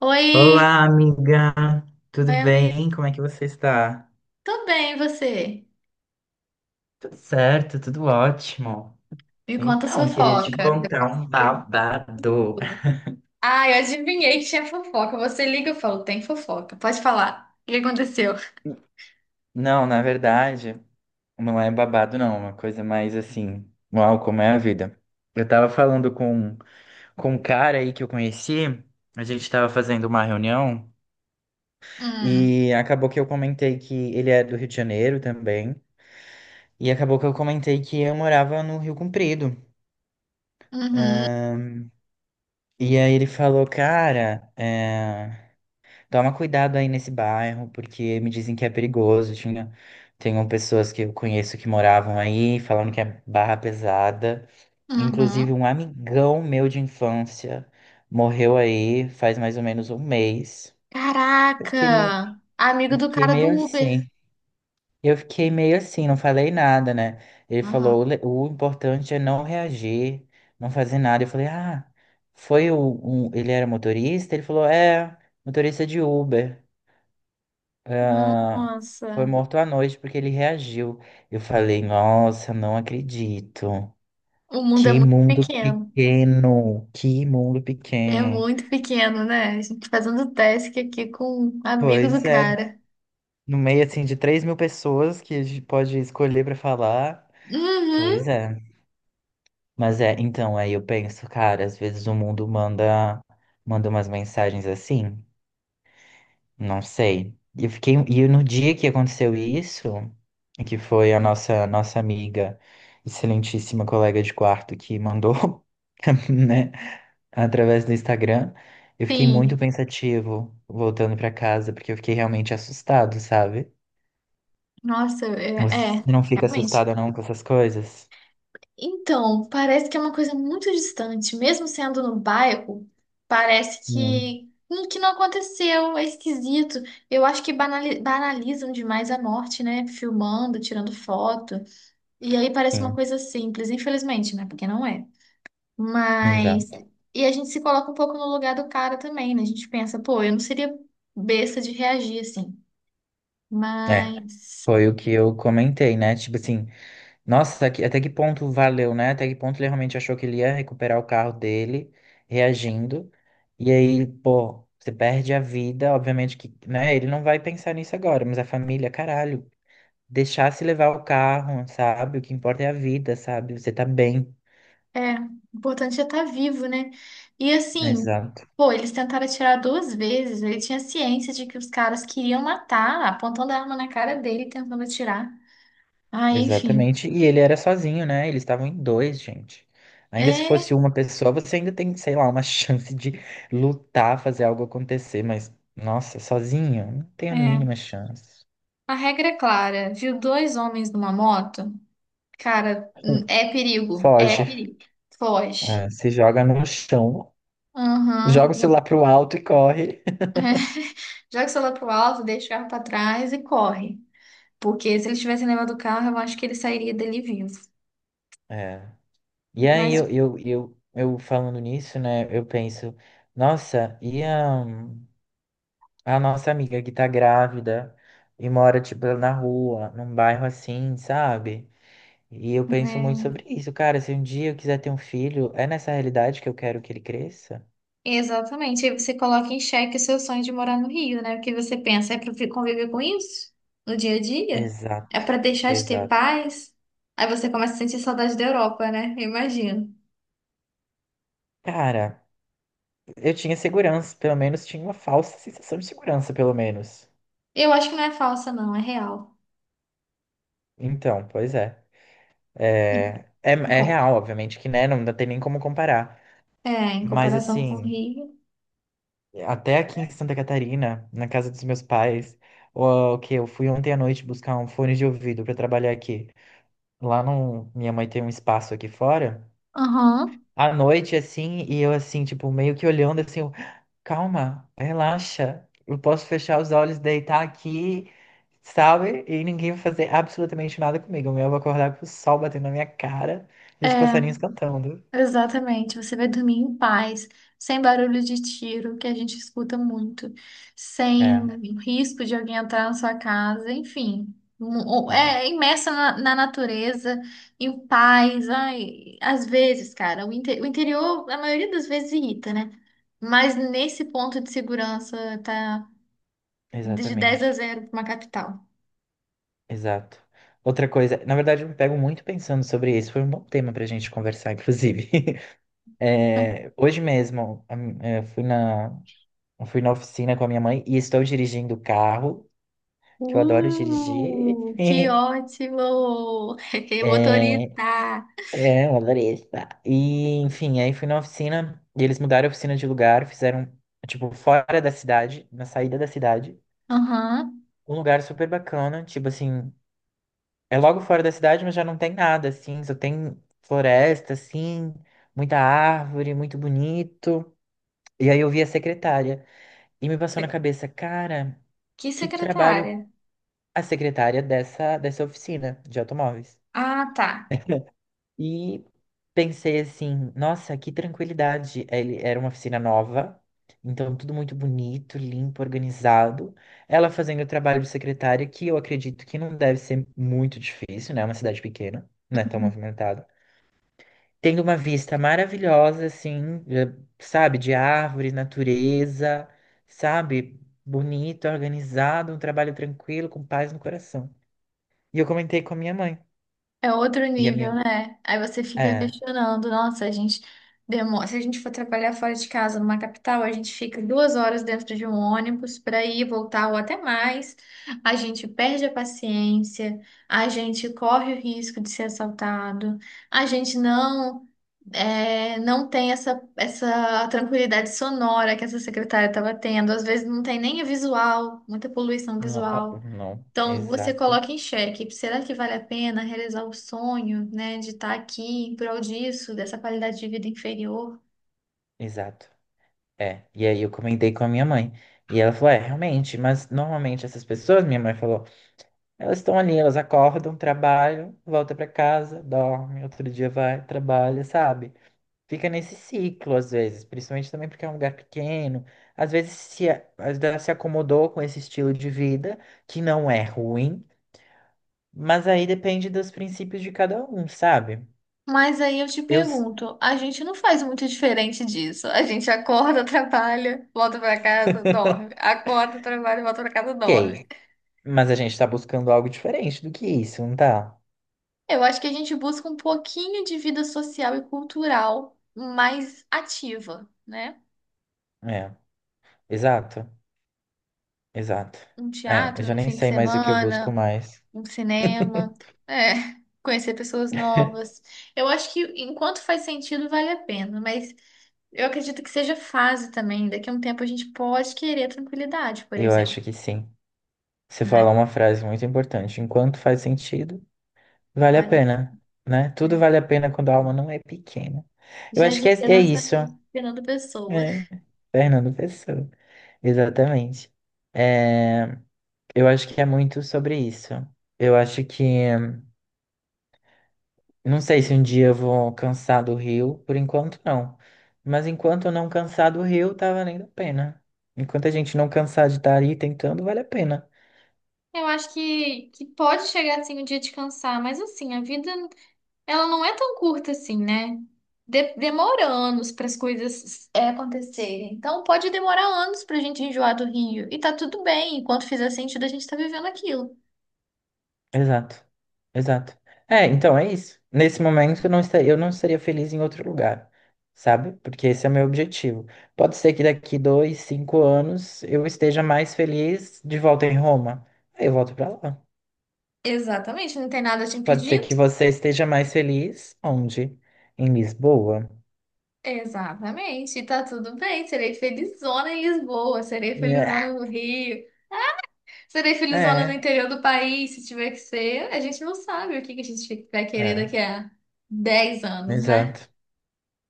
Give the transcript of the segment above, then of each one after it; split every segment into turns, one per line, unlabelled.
Oi,
Olá, amiga. Tudo
oi, amigo.
bem? Como é que você está?
Tô bem, e você?
Tudo certo, tudo ótimo.
Me conta as
Então, queria te
fofocas. Eu
contar
posso
um
saber de
babado.
tudo. Ah, eu adivinhei que tinha fofoca. Você liga, eu falo, tem fofoca. Pode falar. O que aconteceu?
Não, na verdade, não é babado, não. É uma coisa mais assim. Uau, como é a vida. Eu tava falando com um cara aí que eu conheci. A gente tava fazendo uma reunião
Hum,
e acabou que eu comentei que ele é do Rio de Janeiro também. E acabou que eu comentei que eu morava no Rio Comprido.
uhum,
E aí ele falou, cara, é, toma cuidado aí nesse bairro, porque me dizem que é perigoso. Tenho pessoas que eu conheço que moravam aí, falando que é barra pesada. Inclusive,
uhum.
um amigão meu de infância morreu aí faz mais ou menos um mês. Eu fiquei meio,
Caraca! Amigo
eu
do
fiquei
cara do
meio
Uber.
assim. Eu fiquei meio assim, não falei nada, né? Ele falou,
Aham.
o importante é não reagir, não fazer nada. Eu falei, ah, ele era motorista? Ele falou, é, motorista de Uber. Ah, foi
Nossa,
morto à noite porque ele reagiu. Eu falei, nossa, não acredito.
o mundo é
Que
muito
mundo
pequeno.
pequeno, que mundo
É
pequeno.
muito pequeno, né? A gente fazendo task aqui com um amigo do
Pois é,
cara.
no meio assim de 3.000 pessoas que a gente pode escolher pra falar. Pois
Uhum,
é. Mas é, então, aí eu penso, cara, às vezes o mundo manda, manda umas mensagens assim, não sei. E eu fiquei, e no dia que aconteceu isso, que foi a nossa amiga, excelentíssima colega de quarto que mandou, né, através do Instagram, eu fiquei muito
sim.
pensativo voltando pra casa, porque eu fiquei realmente assustado, sabe?
Nossa,
Você não fica
realmente.
assustada não com essas coisas?
Então, parece que é uma coisa muito distante, mesmo sendo no bairro, parece
Hum,
que, que não aconteceu, é esquisito. Eu acho que banalizam demais a morte, né? Filmando, tirando foto. E aí parece uma
sim,
coisa simples, infelizmente, né? Porque não é. Mas.
exato.
E a gente se coloca um pouco no lugar do cara também, né? A gente pensa, pô, eu não seria besta de reagir assim.
É,
Mas.
foi o que eu comentei, né? Tipo assim, nossa, que- até que ponto valeu, né? Até que ponto ele realmente achou que ele ia recuperar o carro dele, reagindo. E aí, pô, você perde a vida, obviamente que, né? Ele não vai pensar nisso agora, mas a família, caralho, deixar se levar o carro, sabe? O que importa é a vida, sabe? Você tá bem.
É, o importante é estar vivo, né? E assim,
Exato.
pô, eles tentaram atirar duas vezes. Ele tinha ciência de que os caras queriam matar, apontando a arma na cara dele, e tentando atirar. Aí, enfim.
Exatamente. E ele era sozinho, né? Eles estavam em dois, gente. Ainda se
É,
fosse uma pessoa, você ainda tem, sei lá, uma chance de lutar, fazer algo acontecer, mas, nossa, sozinho, não tem a
é.
mínima chance.
A regra é clara. Viu dois homens numa moto? Cara, é perigo. É
Foge.
perigo. Foge.
É, se joga no chão, joga
Aham.
o
Eu-
celular pro alto e corre.
Joga o celular pro alto, deixa o carro pra trás e corre. Porque se ele tivesse levado o carro, eu acho que ele sairia dele vivo.
É. E aí
Mas,
eu falando nisso, né? Eu penso, nossa, e a nossa amiga que tá grávida e mora, tipo, na rua, num bairro assim, sabe? E eu penso muito sobre
é.
isso, cara. Se um dia eu quiser ter um filho, é nessa realidade que eu quero que ele cresça?
Exatamente. Aí você coloca em xeque o seu sonho de morar no Rio, né? O que você pensa? É para conviver com isso no dia a dia? É
Exato,
para deixar de ter
exato.
paz? Aí você começa a sentir saudade da Europa, né? Eu imagino.
Cara, eu tinha segurança, pelo menos tinha uma falsa sensação de segurança, pelo menos.
Eu acho que não é falsa, não, é real.
Então, pois é.
Em-
É, é,
em
é
co-
real, obviamente, que né, tem nem como comparar.
em
Mas
comparação com o
assim,
Rio.
até aqui em Santa Catarina, na casa dos meus pais, o que eu fui ontem à noite buscar um fone de ouvido para trabalhar aqui. Lá no, minha mãe tem um espaço aqui fora.
Aham.
À noite, assim, e eu, assim, tipo, meio que olhando, assim, eu, calma, relaxa, eu posso fechar os olhos, deitar aqui, sabe? E ninguém vai fazer absolutamente nada comigo. Eu vou acordar com o sol batendo na minha cara e os passarinhos
É.
cantando.
Exatamente, você vai dormir em paz, sem barulho de tiro, que a gente escuta muito, sem
É,
risco de alguém entrar na sua casa, enfim. Mu-
é,
É é imersa na natureza, em paz. Ai, às vezes, cara, o interior, a maioria das vezes, irrita, né? Mas nesse ponto de segurança, tá de dez a
exatamente,
zero para uma capital.
exato. Outra coisa, na verdade, eu me pego muito pensando sobre isso. Foi um bom tema pra gente conversar, inclusive. É, hoje mesmo, a mi- é, fui na oficina com a minha mãe e estou dirigindo o carro. Que eu adoro dirigir.
Que ótimo!
É,
Motorista!
eu adorei estar. E, enfim, aí fui na oficina e eles mudaram a oficina de lugar, fizeram, tipo, fora da cidade, na saída da cidade.
Aham.
Um lugar super bacana, tipo assim, é logo fora da cidade, mas já não tem nada, assim, só tem floresta, assim, muita árvore, muito bonito. E aí eu vi a secretária e me passou na cabeça, cara,
Que
que trabalho
secretária?
a secretária dessa oficina de automóveis.
Ah, tá.
E pensei assim, nossa, que tranquilidade. Ele era uma oficina nova, então tudo muito bonito, limpo, organizado. Ela fazendo o trabalho de secretária, que eu acredito que não deve ser muito difícil, né? É uma cidade pequena, não é tão
Uhum.
movimentada. Tendo uma vista maravilhosa, assim, sabe, de árvores, natureza, sabe? Bonito, organizado, um trabalho tranquilo, com paz no coração. E eu comentei com a minha mãe.
É outro
E a minha.
nível, né? Aí você fica
É.
questionando, nossa, a gente demora. Se a gente for trabalhar fora de casa, numa capital, a gente fica 2 horas dentro de um ônibus para ir, e voltar ou até mais. A gente perde a paciência, a gente corre o risco de ser assaltado, a gente não tem essa tranquilidade sonora que essa secretária estava tendo. Às vezes não tem nem a visual, muita poluição
Não, ó,
visual.
não,
Então, você
exato,
coloca em xeque, será que vale a pena realizar o sonho, né, de estar aqui em prol disso, dessa qualidade de vida inferior?
exato. É, e aí eu comentei com a minha mãe. E ela falou: é, realmente, mas normalmente essas pessoas, minha mãe falou, elas estão ali, elas acordam, trabalham, volta pra casa, dorme, outro dia vai, trabalha, sabe? Fica nesse ciclo às vezes, principalmente também porque é um lugar pequeno. Às vezes se, a- às vezes ela se acomodou com esse estilo de vida, que não é ruim, mas aí depende dos princípios de cada um, sabe?
Mas aí eu te
Eu
pergunto, a gente não faz muito diferente disso. A gente acorda, trabalha, volta pra casa, dorme. Acorda, trabalha, volta pra casa, dorme.
sei. Mas a gente tá buscando algo diferente do que isso, não tá?
Eu acho que a gente busca um pouquinho de vida social e cultural mais ativa, né?
É, exato, exato.
Um
É, eu
teatro
já
no
nem
fim de
sei mais o que eu busco
semana,
mais.
um cinema, é, conhecer pessoas novas. Eu acho que enquanto faz sentido, vale a pena, mas eu acredito que seja fase também. Daqui a um tempo a gente pode querer tranquilidade, por
Eu
exemplo,
acho que sim. Você falou
né?
uma frase muito importante. Enquanto faz sentido, vale a
Vale a
pena, né? Tudo vale a
pena.
pena quando a alma não é pequena. Eu
Já
acho que é,
diria
é
nossa
isso.
amiga Fernando Pessoa.
É, Fernando Pessoa. Exatamente. É, eu acho que é muito sobre isso. Eu acho que não sei se um dia eu vou cansar do Rio, por enquanto não. Mas enquanto eu não cansar do Rio, tá valendo a pena. Enquanto a gente não cansar de estar aí tentando, vale a pena.
Eu acho que pode chegar assim o dia de cansar, mas assim, a vida ela não é tão curta assim, né? Demora anos para as coisas acontecerem. Então pode demorar anos para a gente enjoar do Rio. E tá tudo bem, enquanto fizer sentido, a gente tá vivendo aquilo.
Exato, exato. É, então é isso. Nesse momento eu não estaria feliz em outro lugar, sabe? Porque esse é o meu objetivo. Pode ser que daqui 2, 5 anos eu esteja mais feliz de volta em Roma. Aí eu volto pra lá.
Exatamente, não tem nada te
Pode ser
impedindo.
que você esteja mais feliz onde? Em Lisboa.
Exatamente, e tá tudo bem. Serei felizona em Lisboa, serei
Yeah.
felizona no Rio, serei felizona no
É.
interior do país, se tiver que ser. A gente não sabe o que que a gente vai querer
É,
daqui a 10 anos, né?
exato.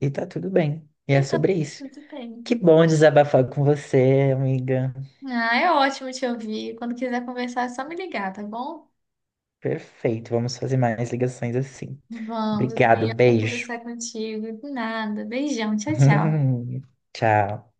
E tá tudo bem. E é
Então
sobre isso.
tudo bem.
Que bom desabafar com você, amiga.
Ah, é ótimo te ouvir. Quando quiser conversar, é só me ligar, tá bom?
Perfeito. Vamos fazer mais ligações assim.
Vamos, eu
Obrigado,
também amo
beijo.
conversar contigo. De nada. Beijão, tchau, tchau.
Tchau.